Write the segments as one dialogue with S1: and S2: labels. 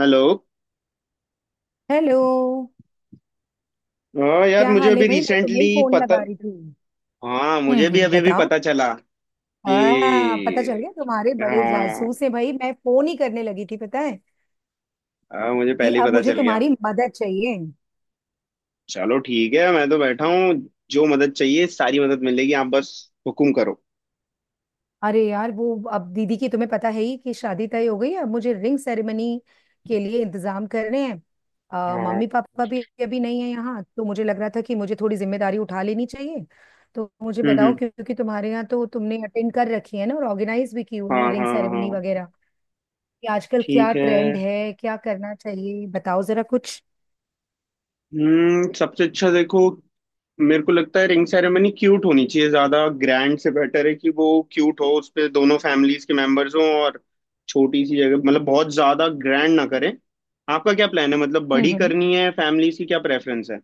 S1: Hello.
S2: Hello.
S1: हाँ यार,
S2: क्या
S1: मुझे
S2: हाल है
S1: अभी
S2: भाई? मैं तुम्हें
S1: रिसेंटली
S2: ही फोन
S1: पता।
S2: लगा रही थी।
S1: हाँ, मुझे भी अभी भी
S2: बताओ।
S1: पता चला कि
S2: पता चल गया, तुम्हारे बड़े
S1: हाँ।
S2: जासूस हैं भाई। मैं फोन ही करने लगी थी पता है
S1: हाँ, मुझे
S2: कि
S1: पहले ही
S2: अब
S1: पता
S2: मुझे
S1: चल गया।
S2: तुम्हारी मदद चाहिए।
S1: चलो ठीक है, मैं तो बैठा हूँ। जो मदद चाहिए सारी मदद मिलेगी, आप बस हुकुम करो।
S2: अरे यार, वो अब दीदी की तुम्हें पता है ही कि शादी तय हो गई है। अब मुझे रिंग सेरेमनी के लिए इंतजाम करने हैं।
S1: हाँ।
S2: मम्मी पापा भी अभी नहीं है यहाँ, तो मुझे लग रहा था कि मुझे थोड़ी जिम्मेदारी उठा लेनी चाहिए। तो मुझे
S1: हम्म,
S2: बताओ,
S1: हम्म।
S2: क्योंकि तुम्हारे यहाँ तो तुमने अटेंड कर रखी है ना, और ऑर्गेनाइज भी की हुई
S1: हाँ,
S2: है रिंग
S1: हाँ, हाँ।
S2: सेरेमनी वगैरह, कि आजकल क्या
S1: ठीक है।
S2: ट्रेंड है, क्या करना चाहिए, बताओ जरा कुछ।
S1: हम्म, सबसे अच्छा देखो, मेरे को लगता है रिंग सेरेमनी क्यूट होनी चाहिए। ज्यादा ग्रैंड से बेटर है कि वो क्यूट हो, उस पे दोनों फैमिलीज के मेंबर्स हों, और छोटी सी जगह, मतलब बहुत ज्यादा ग्रैंड ना करें। आपका क्या प्लान है, मतलब बड़ी
S2: हम्म।
S1: करनी है? फैमिलीज की क्या प्रेफरेंस है?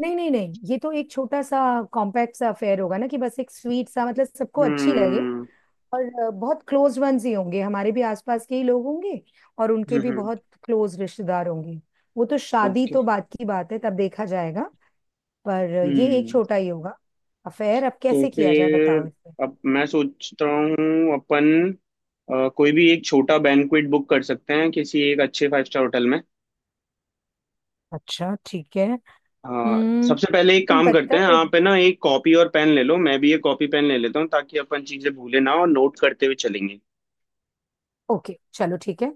S2: नहीं नहीं नहीं, ये तो एक छोटा सा कॉम्पैक्ट सा अफेयर होगा ना, कि बस एक स्वीट सा, मतलब सबको अच्छी लगे।
S1: हम्म,
S2: और बहुत क्लोज वंस ही होंगे, हमारे भी आसपास के ही लोग होंगे, और उनके भी
S1: हम्म।
S2: बहुत क्लोज रिश्तेदार होंगे। वो तो शादी
S1: ओके।
S2: तो बाद की बात है, तब देखा जाएगा। पर ये एक
S1: हम्म।
S2: छोटा ही होगा अफेयर। अब
S1: तो
S2: कैसे किया जाए,
S1: फिर
S2: बताओ इसमें।
S1: अब मैं सोचता हूँ अपन कोई भी एक छोटा बैंक्वेट बुक कर सकते हैं किसी एक अच्छे फाइव स्टार होटल में।
S2: अच्छा ठीक है।
S1: हाँ।
S2: हम्म,
S1: सबसे पहले एक
S2: लेकिन
S1: काम
S2: पता
S1: करते हैं,
S2: है एक।
S1: आप है ना एक कॉपी और पेन ले लो, मैं भी एक कॉपी पेन ले लेता हूँ, ताकि अपन चीजें भूले ना और नोट करते हुए चलेंगे।
S2: ओके चलो ठीक है।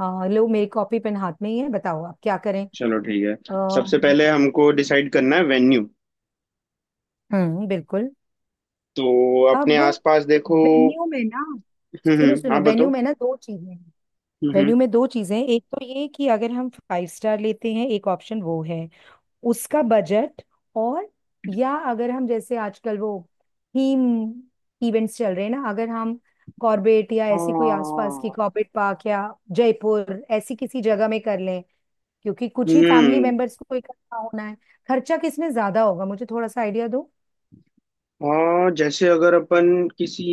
S2: लो, मेरी कॉपी पेन हाथ में ही है, बताओ आप क्या करें।
S1: चलो ठीक है।
S2: आ,
S1: सबसे पहले हमको डिसाइड करना है वेन्यू।
S2: बिल्कुल।
S1: तो अपने
S2: अब
S1: आसपास देखो।
S2: वेन्यू में ना,
S1: हम्म,
S2: सुनो सुनो,
S1: आप
S2: वेन्यू
S1: बताओ।
S2: में ना दो चीजें हैं।
S1: हम्म, हम्म।
S2: वेन्यू में दो चीजें हैं, एक तो ये कि अगर हम फाइव स्टार लेते हैं, एक ऑप्शन वो है, उसका बजट। और या अगर हम जैसे आजकल वो थीम इवेंट्स चल रहे हैं ना, अगर हम कॉर्बेट या ऐसी कोई आसपास की
S1: हाँ।
S2: कॉर्बेट पार्क या जयपुर ऐसी किसी जगह में कर लें, क्योंकि कुछ ही फैमिली
S1: हम्म।
S2: मेंबर्स को इकट्ठा होना है। खर्चा किसमें ज्यादा होगा, मुझे थोड़ा सा आइडिया दो।
S1: हाँ, जैसे अगर अपन किसी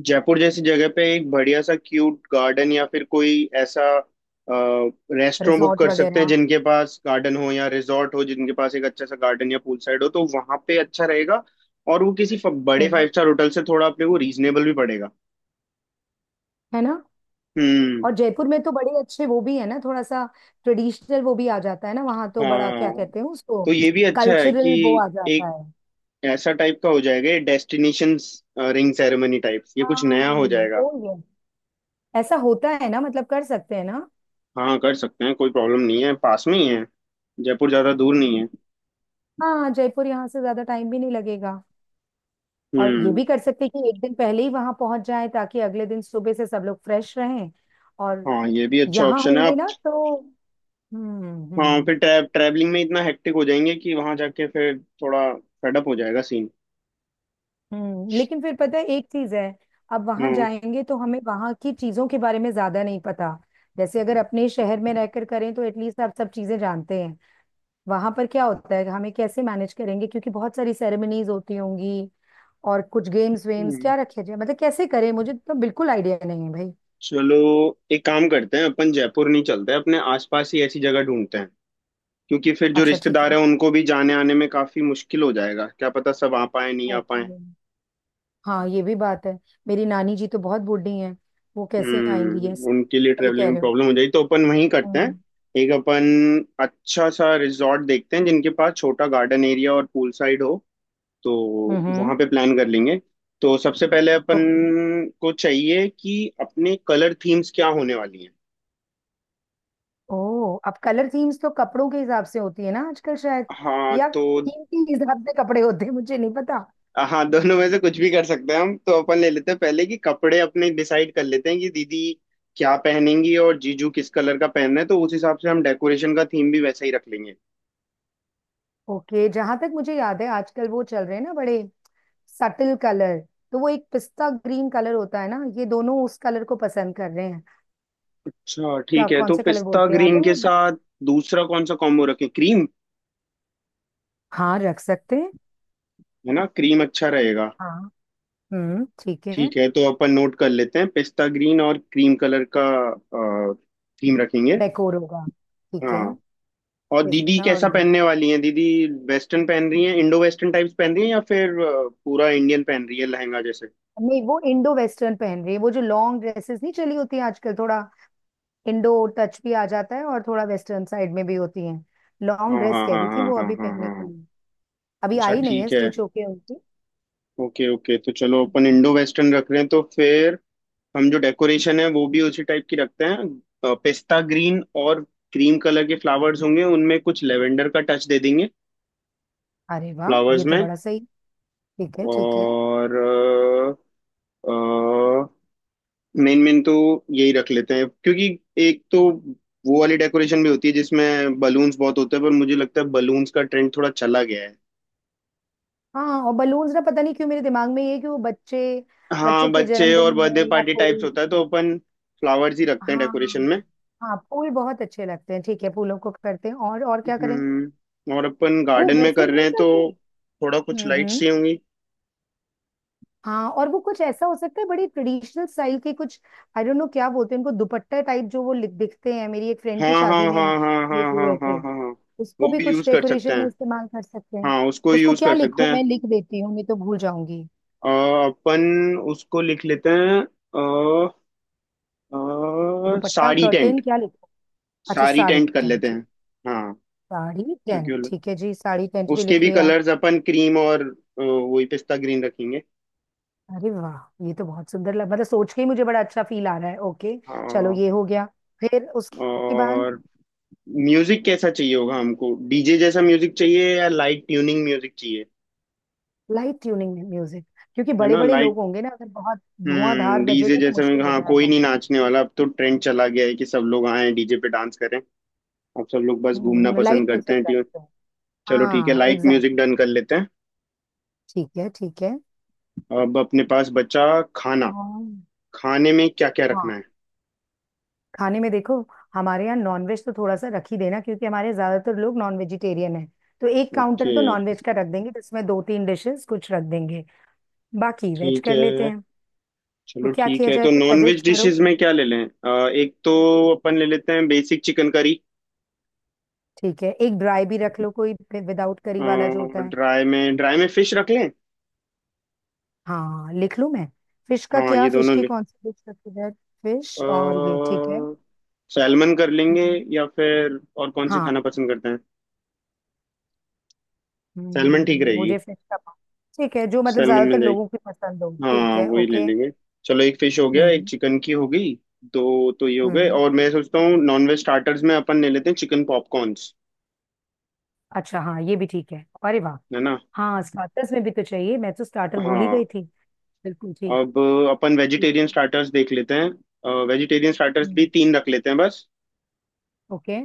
S1: जयपुर जैसी जगह पे एक बढ़िया सा क्यूट गार्डन, या फिर कोई ऐसा रेस्टोरेंट बुक
S2: रिजॉर्ट
S1: कर सकते हैं
S2: वगैरह।
S1: जिनके पास गार्डन हो या रिजॉर्ट हो, जिनके पास एक अच्छा सा गार्डन या पूल साइड हो, तो वहां पे अच्छा रहेगा। और वो किसी बड़े
S2: हम्म।
S1: फाइव स्टार होटल से थोड़ा अपने को रीजनेबल भी पड़ेगा।
S2: है ना?
S1: हम्म।
S2: और जयपुर में तो बड़े अच्छे वो भी है ना, थोड़ा सा ट्रेडिशनल वो भी आ जाता है ना वहां, तो बड़ा क्या
S1: हाँ,
S2: कहते हैं उसको,
S1: तो ये भी अच्छा है कि
S2: कल्चरल वो आ जाता
S1: एक
S2: है।
S1: ऐसा टाइप का हो जाएगा, डेस्टिनेशंस रिंग सेरेमनी टाइप, ये कुछ
S2: हाँ
S1: नया हो जाएगा।
S2: वो ही है। ऐसा होता है ना, मतलब कर सकते हैं ना?
S1: हाँ, कर सकते हैं, कोई प्रॉब्लम नहीं है, पास में ही है। जयपुर ज़्यादा दूर नहीं है।
S2: हाँ जयपुर यहाँ से ज्यादा टाइम भी नहीं लगेगा। और ये
S1: हम्म।
S2: भी कर सकते हैं कि एक दिन पहले ही वहां पहुंच जाए, ताकि अगले दिन सुबह से सब लोग फ्रेश रहें। और
S1: हाँ, ये भी अच्छा
S2: यहाँ
S1: ऑप्शन है
S2: होंगे
S1: आप।
S2: ना तो। हम्म।
S1: हाँ,
S2: हम्म।
S1: फिर ट्रैवलिंग में इतना हेक्टिक हो जाएंगे कि वहां जाके फिर थोड़ा फेडअप हो जाएगा सीन।
S2: हम्म, लेकिन फिर पता है एक चीज है। अब वहां
S1: हाँ।
S2: जाएंगे तो हमें वहां की चीजों के बारे में ज्यादा नहीं पता। जैसे अगर अपने शहर में रहकर करें तो एटलीस्ट आप सब चीजें जानते हैं वहां पर क्या होता है, हमें कैसे मैनेज करेंगे, क्योंकि बहुत सारी सेरेमनीज होती होंगी। और कुछ गेम्स वेम्स
S1: हम्म।
S2: क्या रखे जाए, मतलब कैसे करें, मुझे तो बिल्कुल आइडिया नहीं है भाई।
S1: चलो एक काम करते हैं, अपन जयपुर नहीं चलते, अपने आसपास ही ऐसी जगह ढूंढते हैं। क्योंकि फिर जो
S2: अच्छा ठीक
S1: रिश्तेदार
S2: है।
S1: हैं उनको भी जाने आने में काफी मुश्किल हो जाएगा, क्या पता सब आ पाए नहीं आ
S2: ओके।
S1: पाए।
S2: हाँ ये भी बात है। मेरी नानी जी तो बहुत बूढ़ी हैं, वो कैसे आएंगी?
S1: हम्म,
S2: यस,
S1: उनके लिए
S2: सही
S1: ट्रेवलिंग
S2: कह
S1: में
S2: रहे हो।
S1: प्रॉब्लम हो जाएगी, तो अपन वहीं करते हैं।
S2: हम्म।
S1: एक अपन अच्छा सा रिजॉर्ट देखते हैं जिनके पास छोटा गार्डन एरिया और पूल साइड हो, तो
S2: हम्म।
S1: वहां पे प्लान कर लेंगे। तो सबसे पहले अपन
S2: ओके।
S1: को चाहिए कि अपने कलर थीम्स क्या होने वाली हैं।
S2: ओह, अब कलर थीम्स तो कपड़ों के हिसाब से होती है ना आजकल शायद,
S1: हाँ
S2: या
S1: तो।
S2: थीम के हिसाब से कपड़े होते हैं, मुझे नहीं पता।
S1: हाँ, दोनों में से कुछ भी कर सकते हैं हम। तो अपन ले लेते हैं पहले कि कपड़े अपने डिसाइड कर लेते हैं कि दीदी क्या पहनेंगी और जीजू किस कलर का पहनना है, तो उस हिसाब से हम डेकोरेशन का थीम भी वैसा ही रख लेंगे।
S2: ओके, जहां तक मुझे याद है आजकल वो चल रहे हैं ना बड़े सटल कलर, तो वो एक पिस्ता ग्रीन कलर होता है ना, ये दोनों उस कलर को पसंद कर रहे हैं।
S1: अच्छा
S2: क्या
S1: ठीक है,
S2: कौन
S1: तो
S2: से कलर
S1: पिस्ता
S2: बोलते हैं, याद है
S1: ग्रीन के
S2: वो?
S1: साथ दूसरा कौन सा कॉम्बो रखें? क्रीम,
S2: हाँ रख सकते हैं।
S1: है ना? क्रीम अच्छा रहेगा।
S2: हाँ। ठीक है।
S1: ठीक है, तो अपन नोट कर लेते हैं, पिस्ता ग्रीन और क्रीम कलर का थीम रखेंगे।
S2: डेकोर होगा। ठीक है।
S1: हाँ। और दीदी
S2: पिस्ता और
S1: कैसा
S2: ग्रीन।
S1: पहनने वाली हैं? दीदी वेस्टर्न पहन रही हैं, इंडो वेस्टर्न टाइप्स पहन रही हैं, या फिर पूरा इंडियन पहन रही है लहंगा जैसे?
S2: नहीं, वो इंडो वेस्टर्न पहन रही है। वो जो लॉन्ग ड्रेसेस नहीं चली होती हैं आजकल, थोड़ा इंडो टच भी आ जाता है और थोड़ा वेस्टर्न साइड में भी होती है। लॉन्ग
S1: हाँ,
S2: ड्रेस
S1: हाँ,
S2: कह
S1: हाँ,
S2: रही थी
S1: हाँ,
S2: वो
S1: हाँ,
S2: अभी
S1: हाँ,
S2: पहनने के
S1: हाँ।
S2: लिए। अभी
S1: अच्छा
S2: आई नहीं है
S1: ठीक है।
S2: स्टिच होके उनकी।
S1: ओके, ओके, तो चलो अपन
S2: हम्म।
S1: इंडो वेस्टर्न रख रहे हैं, तो फिर हम जो डेकोरेशन है वो भी उसी टाइप की रखते हैं। पिस्ता ग्रीन और क्रीम कलर के फ्लावर्स होंगे, उनमें कुछ लेवेंडर का टच दे देंगे,
S2: अरे वाह,
S1: फ्लावर्स
S2: ये तो
S1: में।
S2: बड़ा सही। ठीक है ठीक है।
S1: और मेन मेन तो यही रख लेते हैं, क्योंकि एक तो वो वाली डेकोरेशन भी होती है जिसमें बलून्स बहुत होते हैं, पर मुझे लगता है बलून्स का ट्रेंड थोड़ा चला गया है।
S2: हाँ, और बलून्स ना, पता नहीं क्यों मेरे दिमाग में ये है कि वो बच्चे,
S1: हाँ,
S2: बच्चों के
S1: बच्चे
S2: जन्मदिन
S1: और
S2: में
S1: बर्थडे
S2: या
S1: पार्टी टाइप्स
S2: कोई।
S1: होता है, तो अपन फ्लावर्स ही रखते हैं
S2: हाँ।
S1: डेकोरेशन में।
S2: हाँ फूल बहुत अच्छे लगते हैं, ठीक है फूलों को करते हैं। और क्या करें?
S1: हम्म, और अपन
S2: वो
S1: गार्डन में
S2: वैसे ही
S1: कर रहे
S2: नहीं
S1: हैं, तो
S2: चलते।
S1: थोड़ा कुछ लाइट्स
S2: हम्म।
S1: चाहिए।
S2: हाँ, और वो कुछ ऐसा हो सकता है, बड़ी ट्रेडिशनल स्टाइल के कुछ, आई डोंट नो क्या बोलते हैं उनको, दुपट्टा टाइप जो वो दिखते हैं, मेरी एक फ्रेंड
S1: हाँ,
S2: की
S1: हाँ,
S2: शादी में
S1: हाँ, हाँ,
S2: ये
S1: हाँ, हाँ, हाँ, हाँ,
S2: हुए
S1: हाँ,
S2: थे।
S1: हाँ, हाँ।
S2: उसको
S1: वो
S2: भी
S1: भी
S2: कुछ
S1: यूज कर सकते
S2: डेकोरेशन में
S1: हैं।
S2: इस्तेमाल कर सकते हैं।
S1: हाँ, उसको
S2: उसको
S1: यूज
S2: क्या
S1: कर सकते
S2: लिखूं, मैं
S1: हैं।
S2: लिख देती हूँ नहीं तो भूल जाऊंगी।
S1: अ, अपन उसको लिख लेते हैं। अ,
S2: दुपट्टा,
S1: साड़ी टेंट।
S2: कर्टेन, क्या लिखूं? अच्छा
S1: साड़ी
S2: साड़ी
S1: टेंट कर
S2: टेंट,
S1: लेते
S2: ठीक।
S1: हैं। हाँ।
S2: साड़ी
S1: क्योंकि
S2: टेंट ठीक है जी, साड़ी टेंट भी
S1: उसके
S2: लिख
S1: भी
S2: लिया।
S1: कलर्स अपन क्रीम और वही पिस्ता ग्रीन रखेंगे।
S2: अरे वाह, ये तो बहुत सुंदर लग, मतलब सोच के ही मुझे बड़ा अच्छा फील आ रहा है। ओके चलो
S1: हाँ।
S2: ये हो गया, फिर उसके बाद।
S1: और म्यूजिक कैसा चाहिए होगा हमको? डीजे जैसा म्यूजिक चाहिए या लाइट ट्यूनिंग म्यूजिक चाहिए?
S2: लाइट ट्यूनिंग में म्यूजिक, क्योंकि
S1: है
S2: बड़े
S1: ना,
S2: बड़े लोग
S1: लाइट।
S2: होंगे ना, अगर बहुत धुआंधार
S1: हम्म, डीजे
S2: बजेगा तो
S1: जैसे मैं,
S2: मुश्किल हो
S1: हाँ, कोई
S2: जाएगा।
S1: नहीं नाचने वाला अब, तो ट्रेंड चला गया है कि सब लोग आए डीजे पे डांस करें। अब सब लोग बस घूमना
S2: लाइट
S1: पसंद करते
S2: म्यूजिक
S1: हैं
S2: रखते हैं।
S1: चलो ठीक है,
S2: हाँ
S1: लाइट
S2: एग्जैक्ट।
S1: म्यूजिक डन कर लेते हैं।
S2: ठीक है ठीक है।
S1: अब अपने पास बचा खाना।
S2: और-
S1: खाने में क्या क्या रखना
S2: हाँ,
S1: है?
S2: खाने में देखो, हमारे यहाँ नॉनवेज तो थोड़ा सा रख ही देना, क्योंकि हमारे ज्यादातर लोग नॉन वेजिटेरियन है। तो एक
S1: ओके।
S2: काउंटर तो नॉनवेज का रख देंगे, जिसमें दो तीन डिशेस कुछ रख देंगे, बाकी वेज
S1: ठीक
S2: कर लेते
S1: है।
S2: हैं। तो
S1: चलो
S2: क्या
S1: ठीक
S2: किया
S1: है,
S2: जाए,
S1: तो
S2: कुछ
S1: नॉन वेज
S2: सजेस्ट करो।
S1: डिशेस में क्या ले लें? एक तो अपन ले लेते हैं बेसिक चिकन करी।
S2: ठीक है, एक ड्राई भी रख लो, कोई विदाउट करी वाला जो होता है।
S1: ड्राई में फिश रख लें।
S2: हाँ, लिख लूँ मैं? फिश का
S1: हाँ,
S2: क्या,
S1: ये
S2: फिश
S1: दोनों
S2: की
S1: ले,
S2: कौन सी डिश सबसे बेस्ट?
S1: अ,
S2: फिश, और ये ठीक है।
S1: सैलमन कर लेंगे।
S2: हम्म।
S1: या फिर और कौन सी
S2: हाँ।
S1: खाना पसंद करते हैं? सैलमन ठीक रहेगी।
S2: मुझे फिश का पा- ठीक है, जो मतलब
S1: सैलमन मिल
S2: ज्यादातर
S1: जाएगी।
S2: लोगों की पसंद हो, ठीक
S1: हाँ,
S2: है
S1: वही ले
S2: ओके।
S1: लेंगे। चलो, एक फिश हो गया, एक
S2: हम्म।
S1: चिकन की हो गई, दो तो ये हो गए।
S2: हम्म
S1: और मैं सोचता हूँ नॉनवेज स्टार्टर्स में अपन ले लेते हैं चिकन पॉपकॉर्न्स।
S2: अच्छा, हाँ ये भी ठीक है, अरे वाह।
S1: है ना।
S2: हाँ स्टार्टर्स में भी तो चाहिए, मैं तो स्टार्टर भूल ही गई
S1: हाँ।
S2: थी। बिल्कुल ठीक।
S1: अब अपन
S2: ठीक।
S1: वेजिटेरियन स्टार्टर्स देख लेते हैं, वेजिटेरियन स्टार्टर्स भी
S2: हम्म।
S1: तीन रख लेते हैं बस।
S2: ओके।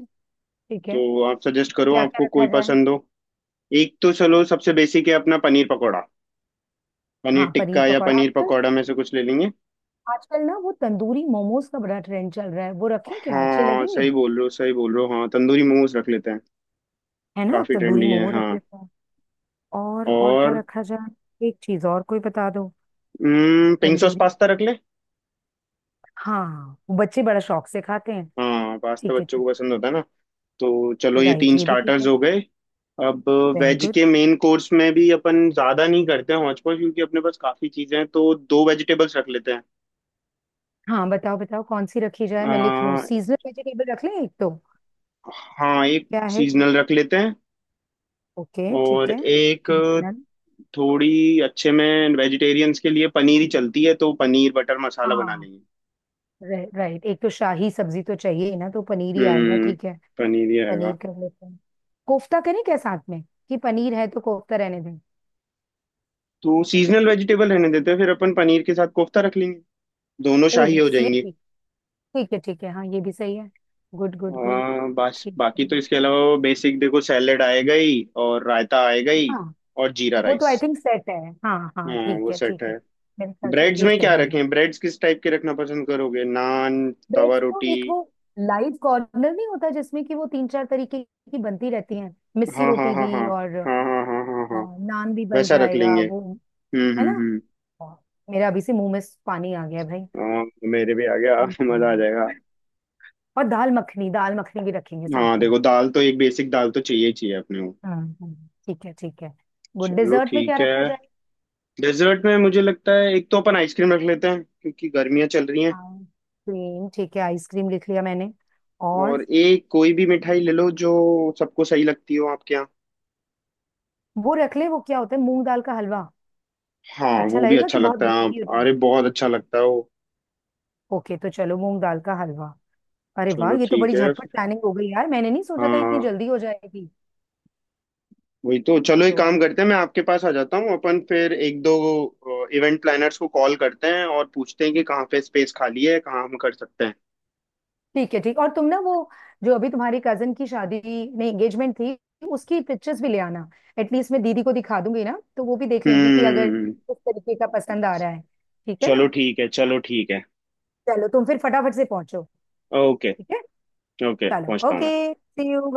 S2: ठीक है।
S1: तो आप सजेस्ट करो,
S2: क्या क्या
S1: आपको
S2: रखा
S1: कोई
S2: जाए?
S1: पसंद हो। एक तो चलो, सबसे बेसिक है अपना पनीर पकौड़ा। पनीर
S2: हाँ पनीर
S1: टिक्का या
S2: पकौड़ा,
S1: पनीर
S2: आजकल,
S1: पकौड़ा में से कुछ ले लेंगे।
S2: आजकल ना वो तंदूरी मोमोज का बड़ा ट्रेंड चल रहा है, वो रखें, क्या अच्छे
S1: हाँ,
S2: लगेंगे?
S1: सही बोल रहे हो, सही बोल रहे हो। हाँ, तंदूरी मोमोज रख लेते हैं।
S2: है ना,
S1: काफी
S2: तंदूरी
S1: ट्रेंडी है,
S2: मोमो
S1: हाँ।
S2: रखे। और क्या
S1: और
S2: रखा जाए, एक चीज और कोई बता दो।
S1: Pink sauce
S2: tandoori.
S1: पास्ता रख ले।
S2: हाँ वो बच्चे बड़ा शौक से खाते हैं।
S1: हाँ, पास्ता
S2: ठीक है
S1: बच्चों
S2: तो।
S1: को पसंद होता है ना। तो चलो, ये
S2: राइट,
S1: तीन
S2: ये भी ठीक
S1: स्टार्टर्स
S2: है।
S1: हो गए। अब
S2: वेरी
S1: वेज
S2: गुड।
S1: के मेन कोर्स में भी अपन ज्यादा नहीं करते हैं हॉच पॉच, क्योंकि अपने पास काफी चीजें हैं, तो दो वेजिटेबल्स रख लेते हैं।
S2: हाँ बताओ बताओ, कौन सी रखी जाए, मैं लिख लूँ,
S1: आ,
S2: सीजनल वेजिटेबल रख लें एक तो?
S1: हाँ, एक
S2: क्या है?
S1: सीजनल रख लेते हैं।
S2: ओके ठीक
S1: और
S2: है,
S1: एक
S2: सीजनल।
S1: थोड़ी अच्छे में वेजिटेरियंस के लिए पनीर ही चलती है, तो पनीर बटर मसाला बना
S2: हाँ,
S1: लेंगे।
S2: राइट, एक तो शाही सब्जी तो चाहिए ही ना, तो पनीर ही आएगा,
S1: हम्म,
S2: ठीक है।
S1: पनीर ही रहेगा।
S2: पनीर कर लेते हैं, कोफ्ता करें क्या साथ में? कि पनीर है तो कोफ्ता रहने दें।
S1: तो सीजनल वेजिटेबल रहने देते हैं, फिर अपन पनीर के साथ कोफ्ता रख लेंगे, दोनों
S2: ओ
S1: शाही हो
S2: यस, ये
S1: जाएंगी।
S2: ठीक। ठीक है ठीक है, हाँ ये भी सही है। Good good good.
S1: बस
S2: ठीक है।
S1: बाकी तो इसके अलावा बेसिक देखो, सैलेड आएगा ही और रायता आएगा ही
S2: हाँ।
S1: और जीरा
S2: वो तो
S1: राइस।
S2: आई थिंक सेट है, हाँ हाँ
S1: हाँ,
S2: ठीक
S1: वो
S2: है
S1: सेट
S2: ठीक है।
S1: है।
S2: मेरे ख्याल से
S1: ब्रेड्स
S2: ये
S1: में क्या
S2: सही है।
S1: रखें? ब्रेड्स किस टाइप के रखना पसंद करोगे, नान, तवा
S2: ब्रेड्स तो
S1: रोटी?
S2: एक वो लाइव कॉर्नर नहीं होता, जिसमें कि वो तीन चार तरीके की बनती रहती हैं, मिस्सी
S1: हाँ, हाँ,
S2: रोटी
S1: हाँ, हाँ,
S2: भी और
S1: हाँ, हाँ, हाँ, हाँ, हाँ,
S2: नान भी बन
S1: वैसा रख
S2: जाएगा
S1: लेंगे।
S2: वो।
S1: हम्म,
S2: है
S1: हम्म,
S2: ना?
S1: हम्म।
S2: मेरा अभी से मुंह में पानी आ गया भाई।
S1: हाँ, मेरे भी आ गया मजा आ
S2: हम्म।
S1: जाएगा।
S2: और दाल मखनी, दाल मखनी भी रखेंगे साथ
S1: हाँ
S2: में?
S1: देखो, दाल तो एक बेसिक दाल तो चाहिए ही चाहिए अपने को।
S2: हाँ। हाँ, ठीक है ठीक है। गुड,
S1: चलो
S2: डिजर्ट में क्या
S1: ठीक है।
S2: रखा जाए?
S1: डेजर्ट में मुझे लगता है एक तो अपन आइसक्रीम रख लेते हैं, क्योंकि गर्मियाँ चल रही हैं।
S2: आइसक्रीम ठीक है, आइसक्रीम लिख लिया मैंने। और
S1: और एक कोई भी मिठाई ले लो जो सबको सही लगती हो आपके यहाँ।
S2: वो रख ले, वो क्या होता है मूंग दाल का हलवा,
S1: हाँ,
S2: अच्छा
S1: वो भी
S2: लगेगा
S1: अच्छा
S2: कि बहुत
S1: लगता है, हाँ।
S2: ग्रेवी हो
S1: अरे,
S2: जाएगा?
S1: बहुत अच्छा लगता है वो।
S2: ओके तो चलो, मूंग दाल का हलवा। अरे वाह,
S1: चलो
S2: ये तो
S1: ठीक
S2: बड़ी
S1: है
S2: झटपट
S1: फिर।
S2: प्लानिंग हो गई यार, मैंने नहीं सोचा था इतनी
S1: हाँ
S2: जल्दी हो जाएगी।
S1: वही तो। चलो एक
S2: तो
S1: काम करते हैं, मैं आपके पास आ जाता हूँ। अपन फिर एक दो इवेंट प्लानर्स को कॉल करते हैं और पूछते हैं कि कहाँ पे स्पेस खाली है, कहाँ हम कर सकते हैं।
S2: ठीक है ठीक, और तुम ना वो जो अभी तुम्हारी कजन की शादी में एंगेजमेंट थी, उसकी पिक्चर्स भी ले आना, एटलीस्ट मैं दीदी को दिखा दूंगी ना, तो वो भी देख लेंगी कि अगर
S1: हम्म।
S2: किस तरीके का पसंद आ रहा है। ठीक है ना?
S1: चलो ठीक है, चलो ठीक है।
S2: चलो तुम फिर फटाफट से पहुंचो। ठीक
S1: ओके।
S2: है।
S1: ओके,
S2: चलो
S1: पहुँचता हूँ मैं।
S2: Okay, see you.